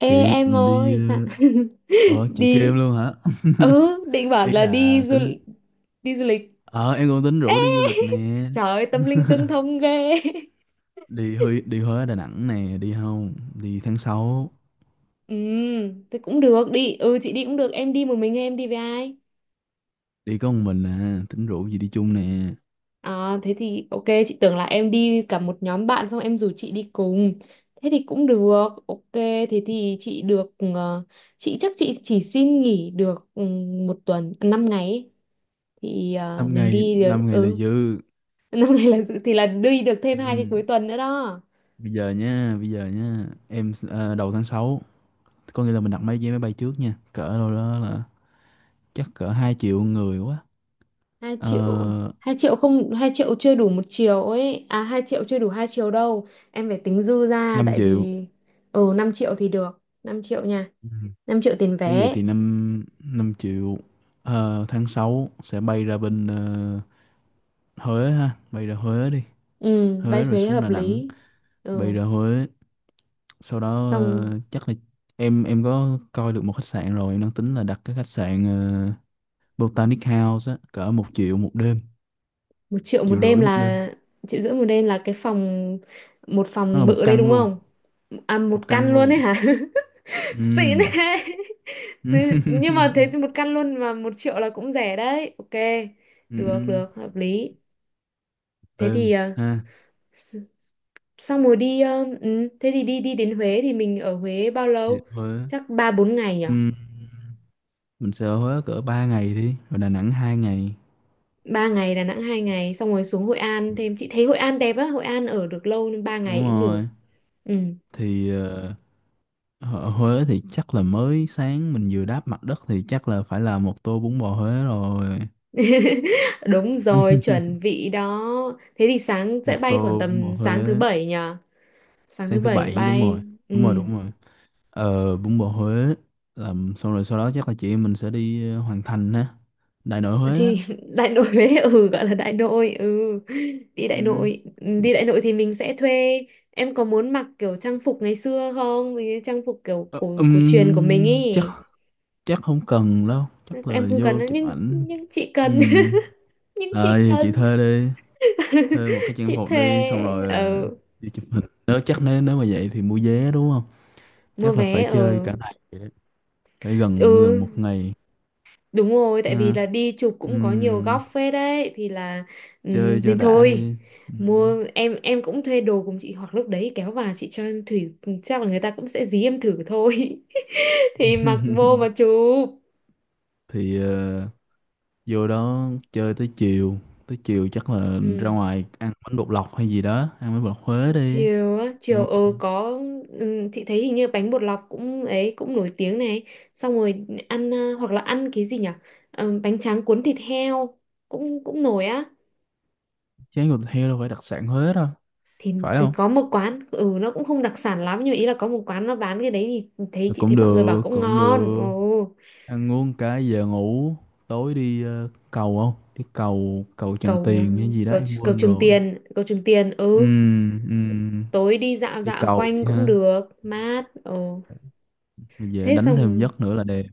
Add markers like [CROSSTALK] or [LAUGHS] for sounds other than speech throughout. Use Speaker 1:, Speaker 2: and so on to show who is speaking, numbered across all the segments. Speaker 1: Ê
Speaker 2: chị
Speaker 1: em
Speaker 2: mình đi
Speaker 1: ơi sao?
Speaker 2: ờ
Speaker 1: [LAUGHS]
Speaker 2: chị kêu em
Speaker 1: Đi.
Speaker 2: luôn hả? [LAUGHS]
Speaker 1: Ừ, định bảo
Speaker 2: ý
Speaker 1: là
Speaker 2: là tính
Speaker 1: đi du lịch.
Speaker 2: ờ em cũng tính
Speaker 1: Ê,
Speaker 2: rủ đi du lịch
Speaker 1: [LAUGHS]
Speaker 2: nè.
Speaker 1: trời ơi tâm linh
Speaker 2: [LAUGHS]
Speaker 1: tương thông ghê. [LAUGHS]
Speaker 2: Đi Huế, đi Huế Đà Nẵng nè, đi không? Đi tháng sáu.
Speaker 1: Ừ, thế cũng được, đi. Ừ, chị đi cũng được. Em đi một mình hay em đi với ai?
Speaker 2: Đi có một mình à, tính rủ gì đi chung nè.
Speaker 1: À thế thì ok, chị tưởng là em đi cả một nhóm bạn xong em rủ chị đi cùng. Thế thì cũng được, ok. Thế thì chị được, chị chắc chị chỉ xin nghỉ được, một tuần, 5 ngày ấy. Thì
Speaker 2: Năm
Speaker 1: mình
Speaker 2: ngày,
Speaker 1: đi được.
Speaker 2: năm ngày là
Speaker 1: Ừ,
Speaker 2: dư.
Speaker 1: năm nay là dự- thì là đi được thêm hai cái
Speaker 2: Ừ.
Speaker 1: cuối tuần nữa đó.
Speaker 2: Bây giờ nha, bây giờ nha em đầu tháng sáu, có nghĩa là mình đặt máy vé máy bay trước nha, cỡ đâu đó là chắc cỡ hai triệu người quá.
Speaker 1: Hai triệu.
Speaker 2: Ờ,
Speaker 1: Hai triệu? Không, hai triệu chưa đủ một chiều ấy à, hai triệu chưa đủ hai chiều đâu em, phải tính dư ra,
Speaker 2: 5
Speaker 1: tại
Speaker 2: triệu.
Speaker 1: vì... Ừ, năm triệu thì được, 5 triệu nha.
Speaker 2: Ừ.
Speaker 1: 5 triệu tiền
Speaker 2: Nếu vậy
Speaker 1: vé.
Speaker 2: thì 5 5 triệu. Tháng 6 sẽ bay ra bên Huế ha, bay ra Huế đi.
Speaker 1: Ừ, bay
Speaker 2: Huế rồi
Speaker 1: thuế
Speaker 2: xuống
Speaker 1: hợp
Speaker 2: Đà Nẵng,
Speaker 1: lý.
Speaker 2: bay
Speaker 1: Ừ,
Speaker 2: ra Huế, sau đó
Speaker 1: xong.
Speaker 2: chắc là em có coi được một khách sạn rồi, em đang tính là đặt cái khách sạn Botanic House á, cỡ một triệu một đêm,
Speaker 1: một triệu một
Speaker 2: triệu
Speaker 1: đêm
Speaker 2: rưỡi một đêm.
Speaker 1: là... 1,5 triệu 1 đêm là cái phòng, một
Speaker 2: Nó
Speaker 1: phòng
Speaker 2: là một
Speaker 1: bự đấy
Speaker 2: căn
Speaker 1: đúng
Speaker 2: luôn,
Speaker 1: không? À,
Speaker 2: một
Speaker 1: một căn
Speaker 2: căn
Speaker 1: luôn ấy
Speaker 2: luôn.
Speaker 1: hả? [LAUGHS] Xịn
Speaker 2: Ừm.
Speaker 1: thế. [LAUGHS] Nhưng mà thế
Speaker 2: [LAUGHS]
Speaker 1: thì một căn luôn mà 1 triệu là cũng rẻ đấy, ok. Được
Speaker 2: Ừm.
Speaker 1: được, hợp lý. Thế
Speaker 2: Đêm
Speaker 1: thì
Speaker 2: ha.
Speaker 1: s- xong rồi đi, thế thì đi đi đến Huế thì mình ở Huế bao
Speaker 2: Thì
Speaker 1: lâu?
Speaker 2: Huế.
Speaker 1: Chắc 3 4 ngày nhở?
Speaker 2: Ừm. Mình sẽ ở Huế cỡ 3 ngày đi, rồi Đà Nẵng 2 ngày.
Speaker 1: Ba ngày, Đà Nẵng 2 ngày, xong rồi xuống Hội An thêm. Chị thấy Hội An đẹp á, Hội An ở được lâu nên 3 ngày
Speaker 2: Đúng
Speaker 1: cũng được.
Speaker 2: rồi.
Speaker 1: Ừ.
Speaker 2: Thì ở Huế thì chắc là mới sáng mình vừa đáp mặt đất thì chắc là phải là một tô bún bò Huế rồi.
Speaker 1: [LAUGHS] Đúng rồi, chuẩn
Speaker 2: [LAUGHS]
Speaker 1: bị đó. Thế thì sáng sẽ
Speaker 2: Một
Speaker 1: bay khoảng
Speaker 2: tô bún bò
Speaker 1: tầm sáng thứ
Speaker 2: Huế,
Speaker 1: bảy nhở. Sáng thứ
Speaker 2: sáng thứ
Speaker 1: bảy
Speaker 2: bảy đúng rồi.
Speaker 1: bay. Ừ,
Speaker 2: Đúng rồi, đúng rồi. Ờ, bún bò Huế làm xong rồi sau đó chắc là chị em mình sẽ đi Hoàng Thành ha. Đại nội Huế á.
Speaker 1: thì [LAUGHS] đại nội Huế, ừ, gọi là đại nội. Ừ, đi đại
Speaker 2: Ừ.
Speaker 1: nội. Ừ, đi đại nội thì mình sẽ thuê. Em có muốn mặc kiểu trang phục ngày xưa không? Mấy cái trang phục kiểu
Speaker 2: Ờ,
Speaker 1: cổ cổ truyền của mình ý.
Speaker 2: chắc chắc không cần đâu, chắc
Speaker 1: Em
Speaker 2: là
Speaker 1: không cần
Speaker 2: vô
Speaker 1: đâu,
Speaker 2: chụp
Speaker 1: nhưng
Speaker 2: ảnh.
Speaker 1: nhưng chị
Speaker 2: Ừ.
Speaker 1: cần. [LAUGHS] Nhưng
Speaker 2: Ờ
Speaker 1: chị
Speaker 2: thì chị
Speaker 1: cần.
Speaker 2: thuê đi.
Speaker 1: [LAUGHS]
Speaker 2: Thuê một cái trang
Speaker 1: Chị
Speaker 2: phục
Speaker 1: thề.
Speaker 2: đi xong rồi ờ,
Speaker 1: Ừ.
Speaker 2: đi chụp hình, nếu chắc nếu nếu mà vậy thì mua vé đúng không?
Speaker 1: Mua
Speaker 2: Chắc là
Speaker 1: vé.
Speaker 2: phải chơi
Speaker 1: Ừ,
Speaker 2: cả ngày vậy đấy. Phải gần gần
Speaker 1: ừ.
Speaker 2: một ngày.
Speaker 1: Đúng rồi, tại vì
Speaker 2: Ha.
Speaker 1: là đi chụp cũng có nhiều góc
Speaker 2: Ừm.
Speaker 1: phết đấy thì là...
Speaker 2: Chơi
Speaker 1: Ừm,
Speaker 2: cho
Speaker 1: nên
Speaker 2: đã
Speaker 1: thôi.
Speaker 2: đi. Ừm.
Speaker 1: Mua, em cũng thuê đồ cùng chị, hoặc lúc đấy kéo vào chị cho Thủy. Chắc là người ta cũng sẽ dí em thử thôi. [LAUGHS] Thì mặc vô
Speaker 2: [LAUGHS]
Speaker 1: mà chụp.
Speaker 2: Thì vô đó chơi tới chiều, tới chiều chắc là
Speaker 1: Ừ.
Speaker 2: ra ngoài ăn bánh bột lọc hay gì đó, ăn bánh bột lọc Huế đi,
Speaker 1: Chiều á,
Speaker 2: đúng
Speaker 1: chiều
Speaker 2: không?
Speaker 1: có. Ừ, chị thấy hình như bánh bột lọc cũng ấy cũng nổi tiếng này. Xong rồi ăn hoặc là ăn cái gì nhỉ? Ờ, bánh tráng cuốn thịt heo cũng cũng nổi á.
Speaker 2: Chén thịt heo đâu phải đặc sản Huế đâu,
Speaker 1: Thì
Speaker 2: phải
Speaker 1: tôi
Speaker 2: không?
Speaker 1: có một quán, ừ, nó cũng không đặc sản lắm nhưng mà ý là có một quán nó bán cái đấy. Thì thấy, chị thấy
Speaker 2: Cũng
Speaker 1: mọi người bảo
Speaker 2: được,
Speaker 1: cũng
Speaker 2: cũng
Speaker 1: ngon.
Speaker 2: được.
Speaker 1: Ồ.
Speaker 2: Ăn uống cái giờ ngủ. Tối đi cầu, không đi cầu cầu Tràng
Speaker 1: cầu
Speaker 2: Tiền hay gì đó
Speaker 1: cầu
Speaker 2: em quên rồi.
Speaker 1: Cầu Trường Tiền
Speaker 2: Ừ.
Speaker 1: Ừ.
Speaker 2: Ừ.
Speaker 1: Tối đi dạo
Speaker 2: Đi
Speaker 1: dạo
Speaker 2: cầu đi
Speaker 1: quanh cũng
Speaker 2: ha,
Speaker 1: được mát. Ồ.
Speaker 2: rồi về
Speaker 1: Thế
Speaker 2: đánh thêm
Speaker 1: xong.
Speaker 2: giấc nữa là đẹp.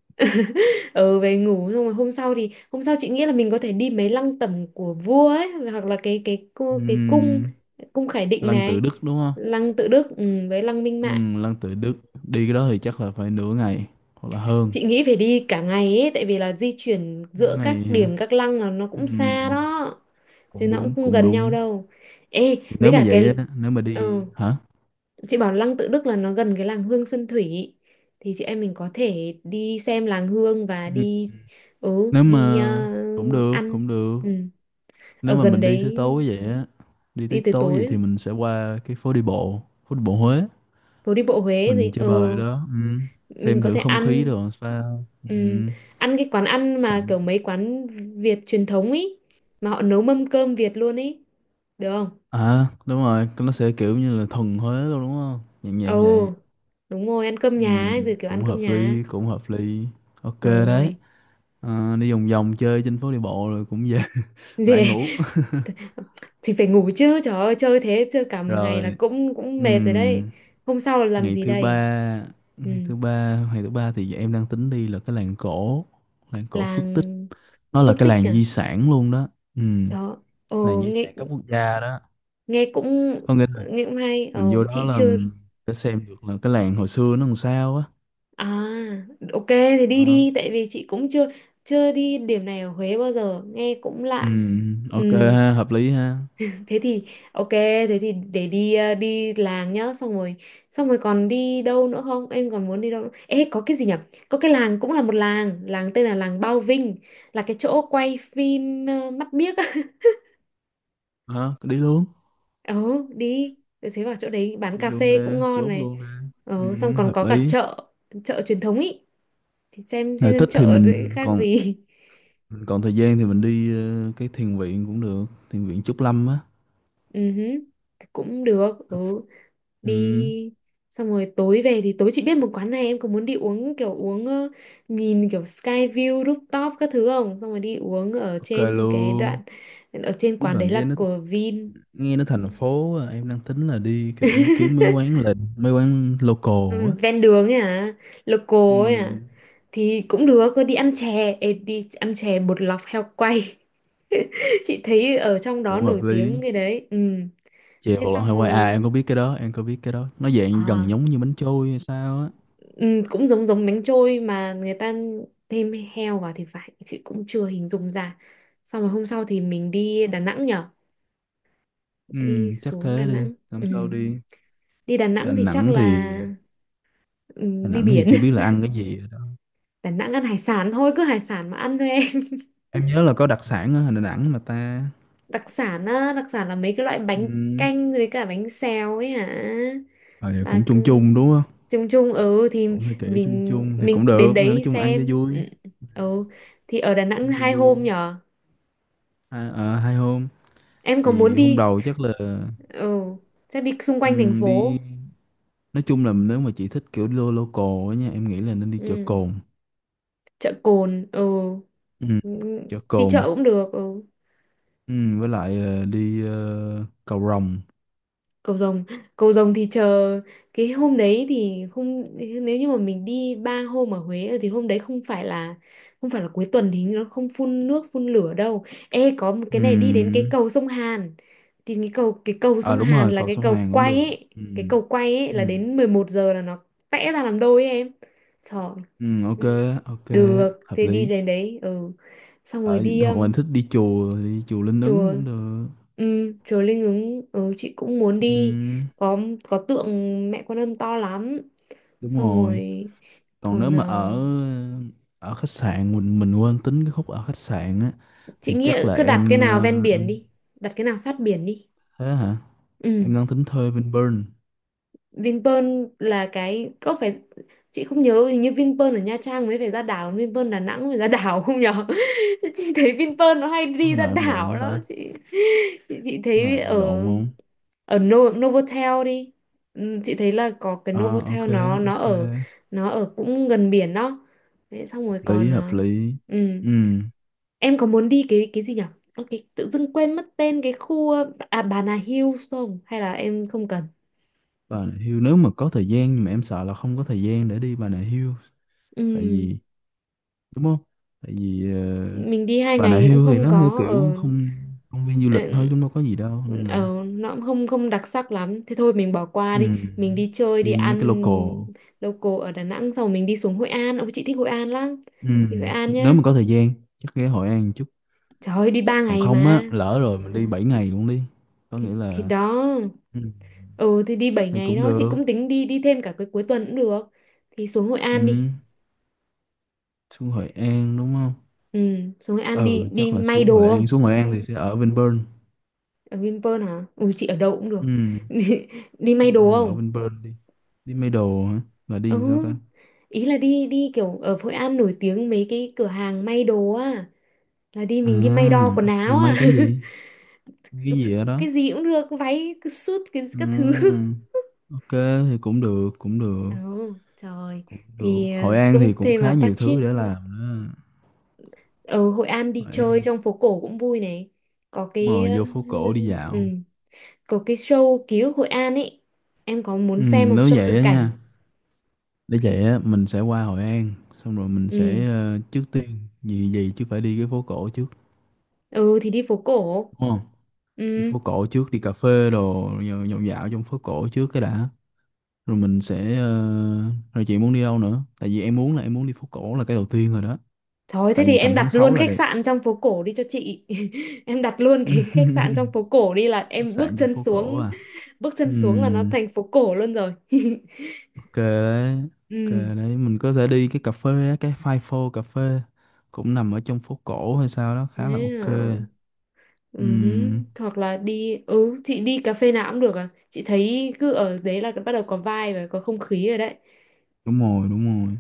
Speaker 1: Ừ, về ngủ. Xong rồi hôm sau, chị nghĩ là mình có thể đi mấy lăng tẩm của vua ấy, hoặc là cái cu- cái cung
Speaker 2: Ừ,
Speaker 1: cung Khải Định
Speaker 2: Lăng Tự
Speaker 1: này.
Speaker 2: Đức đúng không.
Speaker 1: Lăng Tự Đức, ừ, với lăng Minh
Speaker 2: Ừ,
Speaker 1: Mạng.
Speaker 2: Lăng Tự Đức. Đi cái đó thì chắc là phải nửa ngày hoặc là hơn.
Speaker 1: Chị nghĩ phải đi cả ngày ấy, tại vì là di chuyển giữa
Speaker 2: Ngày
Speaker 1: các
Speaker 2: hả?
Speaker 1: điểm, các lăng là nó
Speaker 2: Ừ,
Speaker 1: cũng xa đó, chứ
Speaker 2: cũng
Speaker 1: nó cũng
Speaker 2: đúng,
Speaker 1: không
Speaker 2: cũng
Speaker 1: gần nhau
Speaker 2: đúng.
Speaker 1: đâu. Ê,
Speaker 2: Thì
Speaker 1: với
Speaker 2: nếu mà
Speaker 1: cả
Speaker 2: vậy
Speaker 1: cái
Speaker 2: á, nếu mà
Speaker 1: ờ,
Speaker 2: đi hả.
Speaker 1: chị bảo lăng Tự Đức là nó gần cái làng Hương Xuân Thủy, thì chị em mình có thể đi xem làng Hương và đi, ừ,
Speaker 2: Nếu
Speaker 1: đi,
Speaker 2: mà cũng được,
Speaker 1: ăn.
Speaker 2: cũng được.
Speaker 1: Ừ,
Speaker 2: Nếu
Speaker 1: ở
Speaker 2: mà
Speaker 1: gần
Speaker 2: mình đi tới
Speaker 1: đấy.
Speaker 2: tối vậy á, đi
Speaker 1: Đi
Speaker 2: tới
Speaker 1: tới
Speaker 2: tối vậy
Speaker 1: tối.
Speaker 2: thì mình sẽ qua cái phố đi bộ, phố đi bộ Huế.
Speaker 1: Phố đi bộ Huế
Speaker 2: Mình
Speaker 1: gì.
Speaker 2: chơi
Speaker 1: Ừ,
Speaker 2: bời đó. Ừ.
Speaker 1: mình
Speaker 2: Xem
Speaker 1: có
Speaker 2: thử
Speaker 1: thể
Speaker 2: không khí
Speaker 1: ăn.
Speaker 2: đồ làm sao. Ừ.
Speaker 1: Ừm, ăn cái quán ăn mà
Speaker 2: Sẵn.
Speaker 1: kiểu mấy quán Việt truyền thống ý, mà họ nấu mâm cơm Việt luôn ý, được không?
Speaker 2: À đúng rồi, nó sẽ kiểu như là thuần Huế luôn đúng không, nhẹ
Speaker 1: Ồ,
Speaker 2: nhàng vậy.
Speaker 1: đúng rồi, ăn cơm
Speaker 2: Ừ.
Speaker 1: nhà ấy, rồi kiểu ăn
Speaker 2: Cũng
Speaker 1: cơm
Speaker 2: hợp
Speaker 1: nhà.
Speaker 2: lý, cũng hợp lý. Ok đấy.
Speaker 1: Rồi.
Speaker 2: À, đi vòng vòng chơi trên phố đi bộ rồi cũng về. [LAUGHS] Lại
Speaker 1: Gì?
Speaker 2: ngủ.
Speaker 1: [LAUGHS] Thì phải ngủ chứ trời ơi, chơi thế, chơi cả
Speaker 2: [LAUGHS]
Speaker 1: một ngày là
Speaker 2: Rồi.
Speaker 1: cũng cũng
Speaker 2: Ừ.
Speaker 1: mệt rồi đấy. Hôm sau là làm
Speaker 2: ngày
Speaker 1: gì
Speaker 2: thứ
Speaker 1: đây?
Speaker 2: ba
Speaker 1: Ừ,
Speaker 2: ngày thứ ba ngày thứ ba thì em đang tính đi là cái làng cổ, làng cổ Phước Tích.
Speaker 1: làng
Speaker 2: Nó là
Speaker 1: Phước
Speaker 2: cái
Speaker 1: Tích
Speaker 2: làng
Speaker 1: à?
Speaker 2: di sản luôn đó. Ừ,
Speaker 1: Đó,
Speaker 2: làng
Speaker 1: ồ
Speaker 2: di
Speaker 1: nghe.
Speaker 2: sản cấp quốc gia đó.
Speaker 1: Nghe cũng.
Speaker 2: Có nghĩa là
Speaker 1: Nghe cũng hay.
Speaker 2: mình
Speaker 1: Ồ
Speaker 2: vô đó
Speaker 1: chị
Speaker 2: là
Speaker 1: chưa.
Speaker 2: sẽ xem được là cái làng hồi xưa nó làm sao á.
Speaker 1: À, ok thì đi
Speaker 2: Ờ.
Speaker 1: đi, tại vì chị cũng chưa chưa đi điểm này ở Huế bao giờ, nghe cũng
Speaker 2: Ừ,
Speaker 1: lạ.
Speaker 2: ok
Speaker 1: Ừm,
Speaker 2: ha, hợp lý ha.
Speaker 1: thế thì ok, thế thì để đi, đi làng nhá, xong rồi. Xong rồi còn đi đâu nữa không? Em còn muốn đi đâu nữa? Ê có cái gì nhở? Có cái làng cũng là một làng, làng tên là làng Bao Vinh, là cái chỗ quay phim Mắt Biếc á.
Speaker 2: Ờ,
Speaker 1: [LAUGHS]
Speaker 2: đi luôn.
Speaker 1: Ừ, đi. Rồi. Thế vào chỗ đấy bán
Speaker 2: Đi
Speaker 1: cà
Speaker 2: luôn
Speaker 1: phê
Speaker 2: nè,
Speaker 1: cũng ngon
Speaker 2: chốt
Speaker 1: này.
Speaker 2: luôn nè.
Speaker 1: Ừ, xong
Speaker 2: Ừ,
Speaker 1: còn
Speaker 2: hợp
Speaker 1: có cả
Speaker 2: lý.
Speaker 1: chợ, chợ truyền thống ý. Thì xem
Speaker 2: Nếu
Speaker 1: em
Speaker 2: thích thì
Speaker 1: chợ đấy khác gì. [LAUGHS]
Speaker 2: mình còn thời gian thì mình đi cái thiền viện cũng được, thiền viện Trúc Lâm á.
Speaker 1: Ừ hứ, thì cũng được. Ừ,
Speaker 2: Ừ,
Speaker 1: đi. Xong rồi tối về, thì tối chị biết một quán này, em có muốn đi uống kiểu uống nhìn kiểu sky view rooftop các thứ không? Xong rồi đi uống ở
Speaker 2: ok
Speaker 1: trên cái
Speaker 2: luôn.
Speaker 1: đoạn, ở trên
Speaker 2: Với
Speaker 1: quán
Speaker 2: bạn
Speaker 1: đấy
Speaker 2: nghe
Speaker 1: là
Speaker 2: nó,
Speaker 1: của Vin.
Speaker 2: nghe nó thành phố à, em đang tính là đi kiểu kiếm mấy quán
Speaker 1: [LAUGHS]
Speaker 2: lệnh, mấy quán local
Speaker 1: Ừ,
Speaker 2: á.
Speaker 1: ven đường ấy à? Local ấy à?
Speaker 2: Ừ,
Speaker 1: Thì cũng được, có đi ăn chè. Ê, đi ăn chè bột lọc heo quay. [LAUGHS] Chị thấy ở trong đó
Speaker 2: cũng hợp
Speaker 1: nổi
Speaker 2: lý.
Speaker 1: tiếng cái đấy. Ừ.
Speaker 2: Chè
Speaker 1: Thế
Speaker 2: bột lọc
Speaker 1: xong
Speaker 2: Hawaii à, em
Speaker 1: rồi.
Speaker 2: có biết cái đó, em có biết cái đó. Nó dạng gần
Speaker 1: À,
Speaker 2: giống như bánh trôi hay sao á.
Speaker 1: ừ, cũng giống giống bánh trôi, mà người ta thêm heo vào thì phải, chị cũng chưa hình dung ra. Xong rồi hôm sau thì mình đi Đà Nẵng nhở.
Speaker 2: Ừ,
Speaker 1: Đi
Speaker 2: chắc
Speaker 1: xuống Đà
Speaker 2: thế đi,
Speaker 1: Nẵng.
Speaker 2: làm.
Speaker 1: Ừ.
Speaker 2: Ừ, sao đi.
Speaker 1: Đi Đà
Speaker 2: Đà
Speaker 1: Nẵng thì chắc
Speaker 2: Nẵng thì,
Speaker 1: là... Ừ,
Speaker 2: Đà
Speaker 1: đi
Speaker 2: Nẵng thì
Speaker 1: biển.
Speaker 2: chưa biết là ăn cái gì rồi đó.
Speaker 1: [LAUGHS] Đà Nẵng ăn hải sản thôi, cứ hải sản mà ăn thôi em. [LAUGHS]
Speaker 2: Em nhớ là có đặc sản ở Đà Nẵng mà ta.
Speaker 1: Đặc sản á, đặc sản là mấy cái loại
Speaker 2: Ừ.
Speaker 1: bánh canh với cả bánh xèo ấy hả?
Speaker 2: Ờ, vậy
Speaker 1: Là
Speaker 2: cũng chung
Speaker 1: cứ...
Speaker 2: chung đúng không?
Speaker 1: Chung chung, ừ thì
Speaker 2: Cũng hơi kiểu chung
Speaker 1: mình
Speaker 2: chung thì cũng
Speaker 1: mình đến
Speaker 2: được, nói
Speaker 1: đấy
Speaker 2: chung là ăn cho
Speaker 1: xem.
Speaker 2: vui,
Speaker 1: Ừ. Ừ ừ. Thì ở Đà Nẵng
Speaker 2: ăn
Speaker 1: hai
Speaker 2: cho
Speaker 1: hôm
Speaker 2: vui.
Speaker 1: nhở?
Speaker 2: Hai, à, hai hôm
Speaker 1: Em có muốn
Speaker 2: thì hôm
Speaker 1: đi?
Speaker 2: đầu chắc là
Speaker 1: Ừ, chắc đi xung
Speaker 2: ừ,
Speaker 1: quanh thành
Speaker 2: đi.
Speaker 1: phố.
Speaker 2: Nói chung là nếu mà chị thích kiểu lo local á nha, em nghĩ là nên đi chợ
Speaker 1: Ừ.
Speaker 2: Cồn.
Speaker 1: Chợ Cồn. Ừ.
Speaker 2: Ừ.
Speaker 1: Ừ,
Speaker 2: Chợ
Speaker 1: đi chợ
Speaker 2: cồn.
Speaker 1: cũng được. Ừ.
Speaker 2: Ừ. Với lại đi cầu Rồng.
Speaker 1: Cầu Rồng. Cầu Rồng thì chờ, cái hôm đấy thì không, nếu như mà mình đi 3 hôm ở Huế thì hôm đấy không phải là, không phải là cuối tuần thì nó không phun nước phun lửa đâu. Ê có một
Speaker 2: Ừ.
Speaker 1: cái này, đi đến cái cầu sông Hàn, thì cái cầu, cái cầu
Speaker 2: À
Speaker 1: sông
Speaker 2: đúng
Speaker 1: Hàn
Speaker 2: rồi,
Speaker 1: là
Speaker 2: cầu
Speaker 1: cái
Speaker 2: sông
Speaker 1: cầu
Speaker 2: Hàn cũng
Speaker 1: quay
Speaker 2: được.
Speaker 1: ấy.
Speaker 2: Ừ.
Speaker 1: Cái cầu quay ấy là
Speaker 2: Ừ.
Speaker 1: đến 11 giờ là vẽ ra làm đôi ấy em. Trời.
Speaker 2: Ừ, ok.
Speaker 1: Ừ.
Speaker 2: Ok,
Speaker 1: Được,
Speaker 2: hợp
Speaker 1: thì đi
Speaker 2: lý.
Speaker 1: đến đấy, ừ. Xong rồi
Speaker 2: Ở
Speaker 1: đi
Speaker 2: hoặc là thích đi chùa thì đi chùa Linh Ứng
Speaker 1: chùa.
Speaker 2: cũng được.
Speaker 1: Ừ, chùa Linh Ứng, ừ, chị cũng muốn
Speaker 2: Ừ,
Speaker 1: đi. Có tượng Mẹ Quan Âm to lắm.
Speaker 2: đúng
Speaker 1: Xong
Speaker 2: rồi.
Speaker 1: rồi
Speaker 2: Còn nếu
Speaker 1: còn
Speaker 2: mà ở
Speaker 1: ờ,
Speaker 2: ờ, ở khách sạn mình quên tính cái khúc ở khách sạn á
Speaker 1: chị
Speaker 2: thì
Speaker 1: nghĩ
Speaker 2: chắc là
Speaker 1: cứ đặt cái
Speaker 2: em
Speaker 1: nào ven biển
Speaker 2: em
Speaker 1: đi, đặt cái nào sát biển đi.
Speaker 2: thế hả.
Speaker 1: Ừ.
Speaker 2: Em đang tính thuê Vinpearl.
Speaker 1: Vinpearl là cái có phải chị không nhớ hình như Vinpearl ở Nha Trang mới phải ra đảo Vinpearl Đà Nẵng mới ra đảo không nhở [LAUGHS] chị thấy Vinpearl nó hay
Speaker 2: Có
Speaker 1: đi
Speaker 2: cái
Speaker 1: ra
Speaker 2: nào em lộn
Speaker 1: đảo
Speaker 2: không
Speaker 1: lắm
Speaker 2: ta,
Speaker 1: chị
Speaker 2: cái
Speaker 1: thấy
Speaker 2: nào bị
Speaker 1: ở
Speaker 2: lộn không?
Speaker 1: ở No, Novotel đi Ừ, chị thấy là có cái
Speaker 2: À,
Speaker 1: Novotel
Speaker 2: ok. Ok,
Speaker 1: nó ở cũng gần biển đó Đấy, xong rồi còn
Speaker 2: lý hợp lý.
Speaker 1: ừ.
Speaker 2: Ừ.
Speaker 1: Em có muốn đi cái gì nhở? Ơ, cái tự dưng quên mất tên cái khu à Bà Nà Hills không hay là em không cần?
Speaker 2: Bà Nà Hills nếu mà có thời gian, nhưng mà em sợ là không có thời gian để đi Bà Nà Hills, tại
Speaker 1: Ừ,
Speaker 2: vì, đúng không, tại vì
Speaker 1: mình đi hai
Speaker 2: Bà Nà
Speaker 1: ngày thì cũng
Speaker 2: Hills thì
Speaker 1: không
Speaker 2: nó theo
Speaker 1: có
Speaker 2: kiểu
Speaker 1: ở.
Speaker 2: không, công viên du lịch thôi
Speaker 1: ở
Speaker 2: cũng đâu có gì đâu nên là
Speaker 1: nó cũng không không đặc sắc lắm, thế thôi mình bỏ qua,
Speaker 2: ừ,
Speaker 1: đi mình đi chơi đi
Speaker 2: đi mấy cái
Speaker 1: ăn
Speaker 2: local.
Speaker 1: local ở Đà Nẵng, xong rồi mình đi xuống Hội An. Ông chị thích Hội An lắm,
Speaker 2: Ừ,
Speaker 1: đi Hội An
Speaker 2: nếu
Speaker 1: nhá.
Speaker 2: mà có thời gian chắc ghé Hội An chút.
Speaker 1: Trời ơi đi ba
Speaker 2: Còn
Speaker 1: ngày
Speaker 2: không
Speaker 1: mà.
Speaker 2: á, lỡ rồi mình đi 7 ngày luôn đi, có
Speaker 1: thì
Speaker 2: nghĩa
Speaker 1: thì
Speaker 2: là
Speaker 1: đó.
Speaker 2: ừ,
Speaker 1: Ừ, thì đi bảy
Speaker 2: thì
Speaker 1: ngày
Speaker 2: cũng
Speaker 1: đó, chị
Speaker 2: được.
Speaker 1: cũng tính đi đi thêm cả cái cuối tuần cũng được. Thì xuống Hội An đi.
Speaker 2: Ừ, xuống Hội An đúng không.
Speaker 1: Ừ, xuống Hội An đi
Speaker 2: Ừ,
Speaker 1: đi
Speaker 2: chắc là
Speaker 1: may
Speaker 2: xuống Hội
Speaker 1: đồ không?
Speaker 2: An, xuống Hội An thì sẽ ở Vinpearl.
Speaker 1: Ở Vinpearl hả? Ui chị ở đâu cũng được.
Speaker 2: Ừ.
Speaker 1: [LAUGHS] Đi, đi
Speaker 2: Ừ,
Speaker 1: may đồ
Speaker 2: ở
Speaker 1: không?
Speaker 2: bên Perth đi, đi Middle hả, là đi
Speaker 1: Ừ,
Speaker 2: sao ta?
Speaker 1: ý là đi, kiểu ở Hội An nổi tiếng mấy cái cửa hàng may đồ á, là đi
Speaker 2: À,
Speaker 1: mình đi may đo quần
Speaker 2: mà
Speaker 1: áo à.
Speaker 2: may cái gì, may cái gì ở
Speaker 1: [LAUGHS]
Speaker 2: đó?
Speaker 1: Cái gì cũng được, váy, cái suit, cái
Speaker 2: Ừ,
Speaker 1: các thứ. [LAUGHS]
Speaker 2: ok, thì cũng được, cũng được.
Speaker 1: Ừ, trời.
Speaker 2: Cũng được,
Speaker 1: Thì
Speaker 2: Hội An
Speaker 1: cũng
Speaker 2: thì cũng
Speaker 1: thêm mà
Speaker 2: khá nhiều
Speaker 1: budget.
Speaker 2: thứ để làm đó.
Speaker 1: Ở Hội An đi
Speaker 2: Hội
Speaker 1: chơi
Speaker 2: An,
Speaker 1: trong phố cổ cũng vui này. Có cái
Speaker 2: mời vô phố cổ đi
Speaker 1: ừ,
Speaker 2: dạo.
Speaker 1: có cái show ký ức Hội An ấy. Em có muốn
Speaker 2: Ừ,
Speaker 1: xem một
Speaker 2: nếu
Speaker 1: show
Speaker 2: vậy
Speaker 1: thực
Speaker 2: á
Speaker 1: cảnh?
Speaker 2: nha, để vậy á mình sẽ qua Hội An, xong rồi mình
Speaker 1: Ừ,
Speaker 2: sẽ trước tiên gì gì chứ phải đi cái phố cổ trước,
Speaker 1: ừ thì đi phố cổ.
Speaker 2: đúng không? Đi
Speaker 1: Ừ.
Speaker 2: phố cổ trước, đi cà phê đồ rồi dạo dạo trong phố cổ trước cái đã. Rồi mình sẽ rồi chị muốn đi đâu nữa, tại vì em muốn là em muốn đi phố cổ là cái đầu tiên rồi đó,
Speaker 1: Thôi thế
Speaker 2: tại
Speaker 1: thì
Speaker 2: vì
Speaker 1: em
Speaker 2: tầm
Speaker 1: đặt
Speaker 2: tháng sáu
Speaker 1: luôn
Speaker 2: là
Speaker 1: khách
Speaker 2: đẹp.
Speaker 1: sạn trong phố cổ đi cho chị. [LAUGHS] Em đặt luôn cái
Speaker 2: [LAUGHS]
Speaker 1: khách sạn trong phố cổ đi, là
Speaker 2: Khách
Speaker 1: em
Speaker 2: sạn trong phố cổ à.
Speaker 1: bước chân xuống là nó
Speaker 2: Ừm,
Speaker 1: thành phố cổ luôn rồi. [LAUGHS]
Speaker 2: ok đấy. Ok
Speaker 1: Ừ,
Speaker 2: đấy, mình có thể đi cái cà phê á, cái Five Four cà phê cũng nằm ở trong phố cổ hay sao đó, khá là
Speaker 1: thế
Speaker 2: ok.
Speaker 1: à. Ừ.
Speaker 2: Ừm,
Speaker 1: Hoặc là đi, ừ, chị đi cà phê nào cũng được à. Chị thấy cứ ở đấy là bắt đầu có vibe và có không khí rồi đấy.
Speaker 2: đúng rồi, đúng rồi.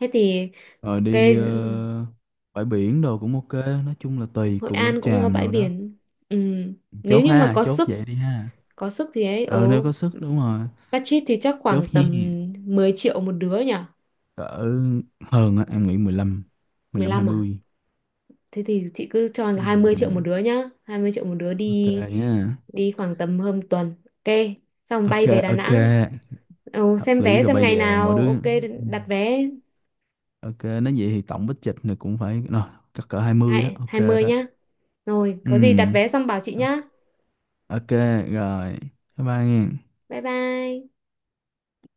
Speaker 1: Thế thì
Speaker 2: Rồi đi
Speaker 1: cái
Speaker 2: bãi biển đồ cũng ok. Nói chung là tùy
Speaker 1: Hội
Speaker 2: Cù Lao
Speaker 1: An cũng có
Speaker 2: Chàm
Speaker 1: bãi
Speaker 2: đồ đó.
Speaker 1: biển. Ừ,
Speaker 2: Chốt
Speaker 1: nếu như mà
Speaker 2: ha, chốt vậy đi ha.
Speaker 1: có sức thì ấy, ừ,
Speaker 2: Ừ, nếu có sức đúng rồi,
Speaker 1: budget thì chắc khoảng
Speaker 2: chốt nha.
Speaker 1: tầm 10 triệu một đứa nhỉ?
Speaker 2: Cỡ hơn á em nghĩ 15,
Speaker 1: mười
Speaker 2: 15
Speaker 1: lăm à?
Speaker 2: 20.
Speaker 1: Thế thì chị cứ cho là 20 triệu một
Speaker 2: Ừm,
Speaker 1: đứa nhá. 20 triệu một đứa
Speaker 2: ok
Speaker 1: đi.
Speaker 2: nhá.
Speaker 1: Đi khoảng tầm hơn tuần. Ok, xong
Speaker 2: Ok.
Speaker 1: bay về Đà
Speaker 2: Ok,
Speaker 1: Nẵng. Ồ,
Speaker 2: hợp
Speaker 1: xem
Speaker 2: lý
Speaker 1: vé
Speaker 2: rồi,
Speaker 1: xem
Speaker 2: bây
Speaker 1: ngày
Speaker 2: giờ mỗi
Speaker 1: nào.
Speaker 2: đứa.
Speaker 1: Ok, đặt
Speaker 2: Ừm,
Speaker 1: vé.
Speaker 2: ok nói vậy thì tổng bích trịch này cũng phải rồi, chắc cỡ 20 đó. Ok
Speaker 1: 20
Speaker 2: đó.
Speaker 1: nhá. Rồi, có gì đặt
Speaker 2: Ừm,
Speaker 1: vé xong bảo chị nhá.
Speaker 2: ok. Rồi. Bye bye nghe.
Speaker 1: Bye bye.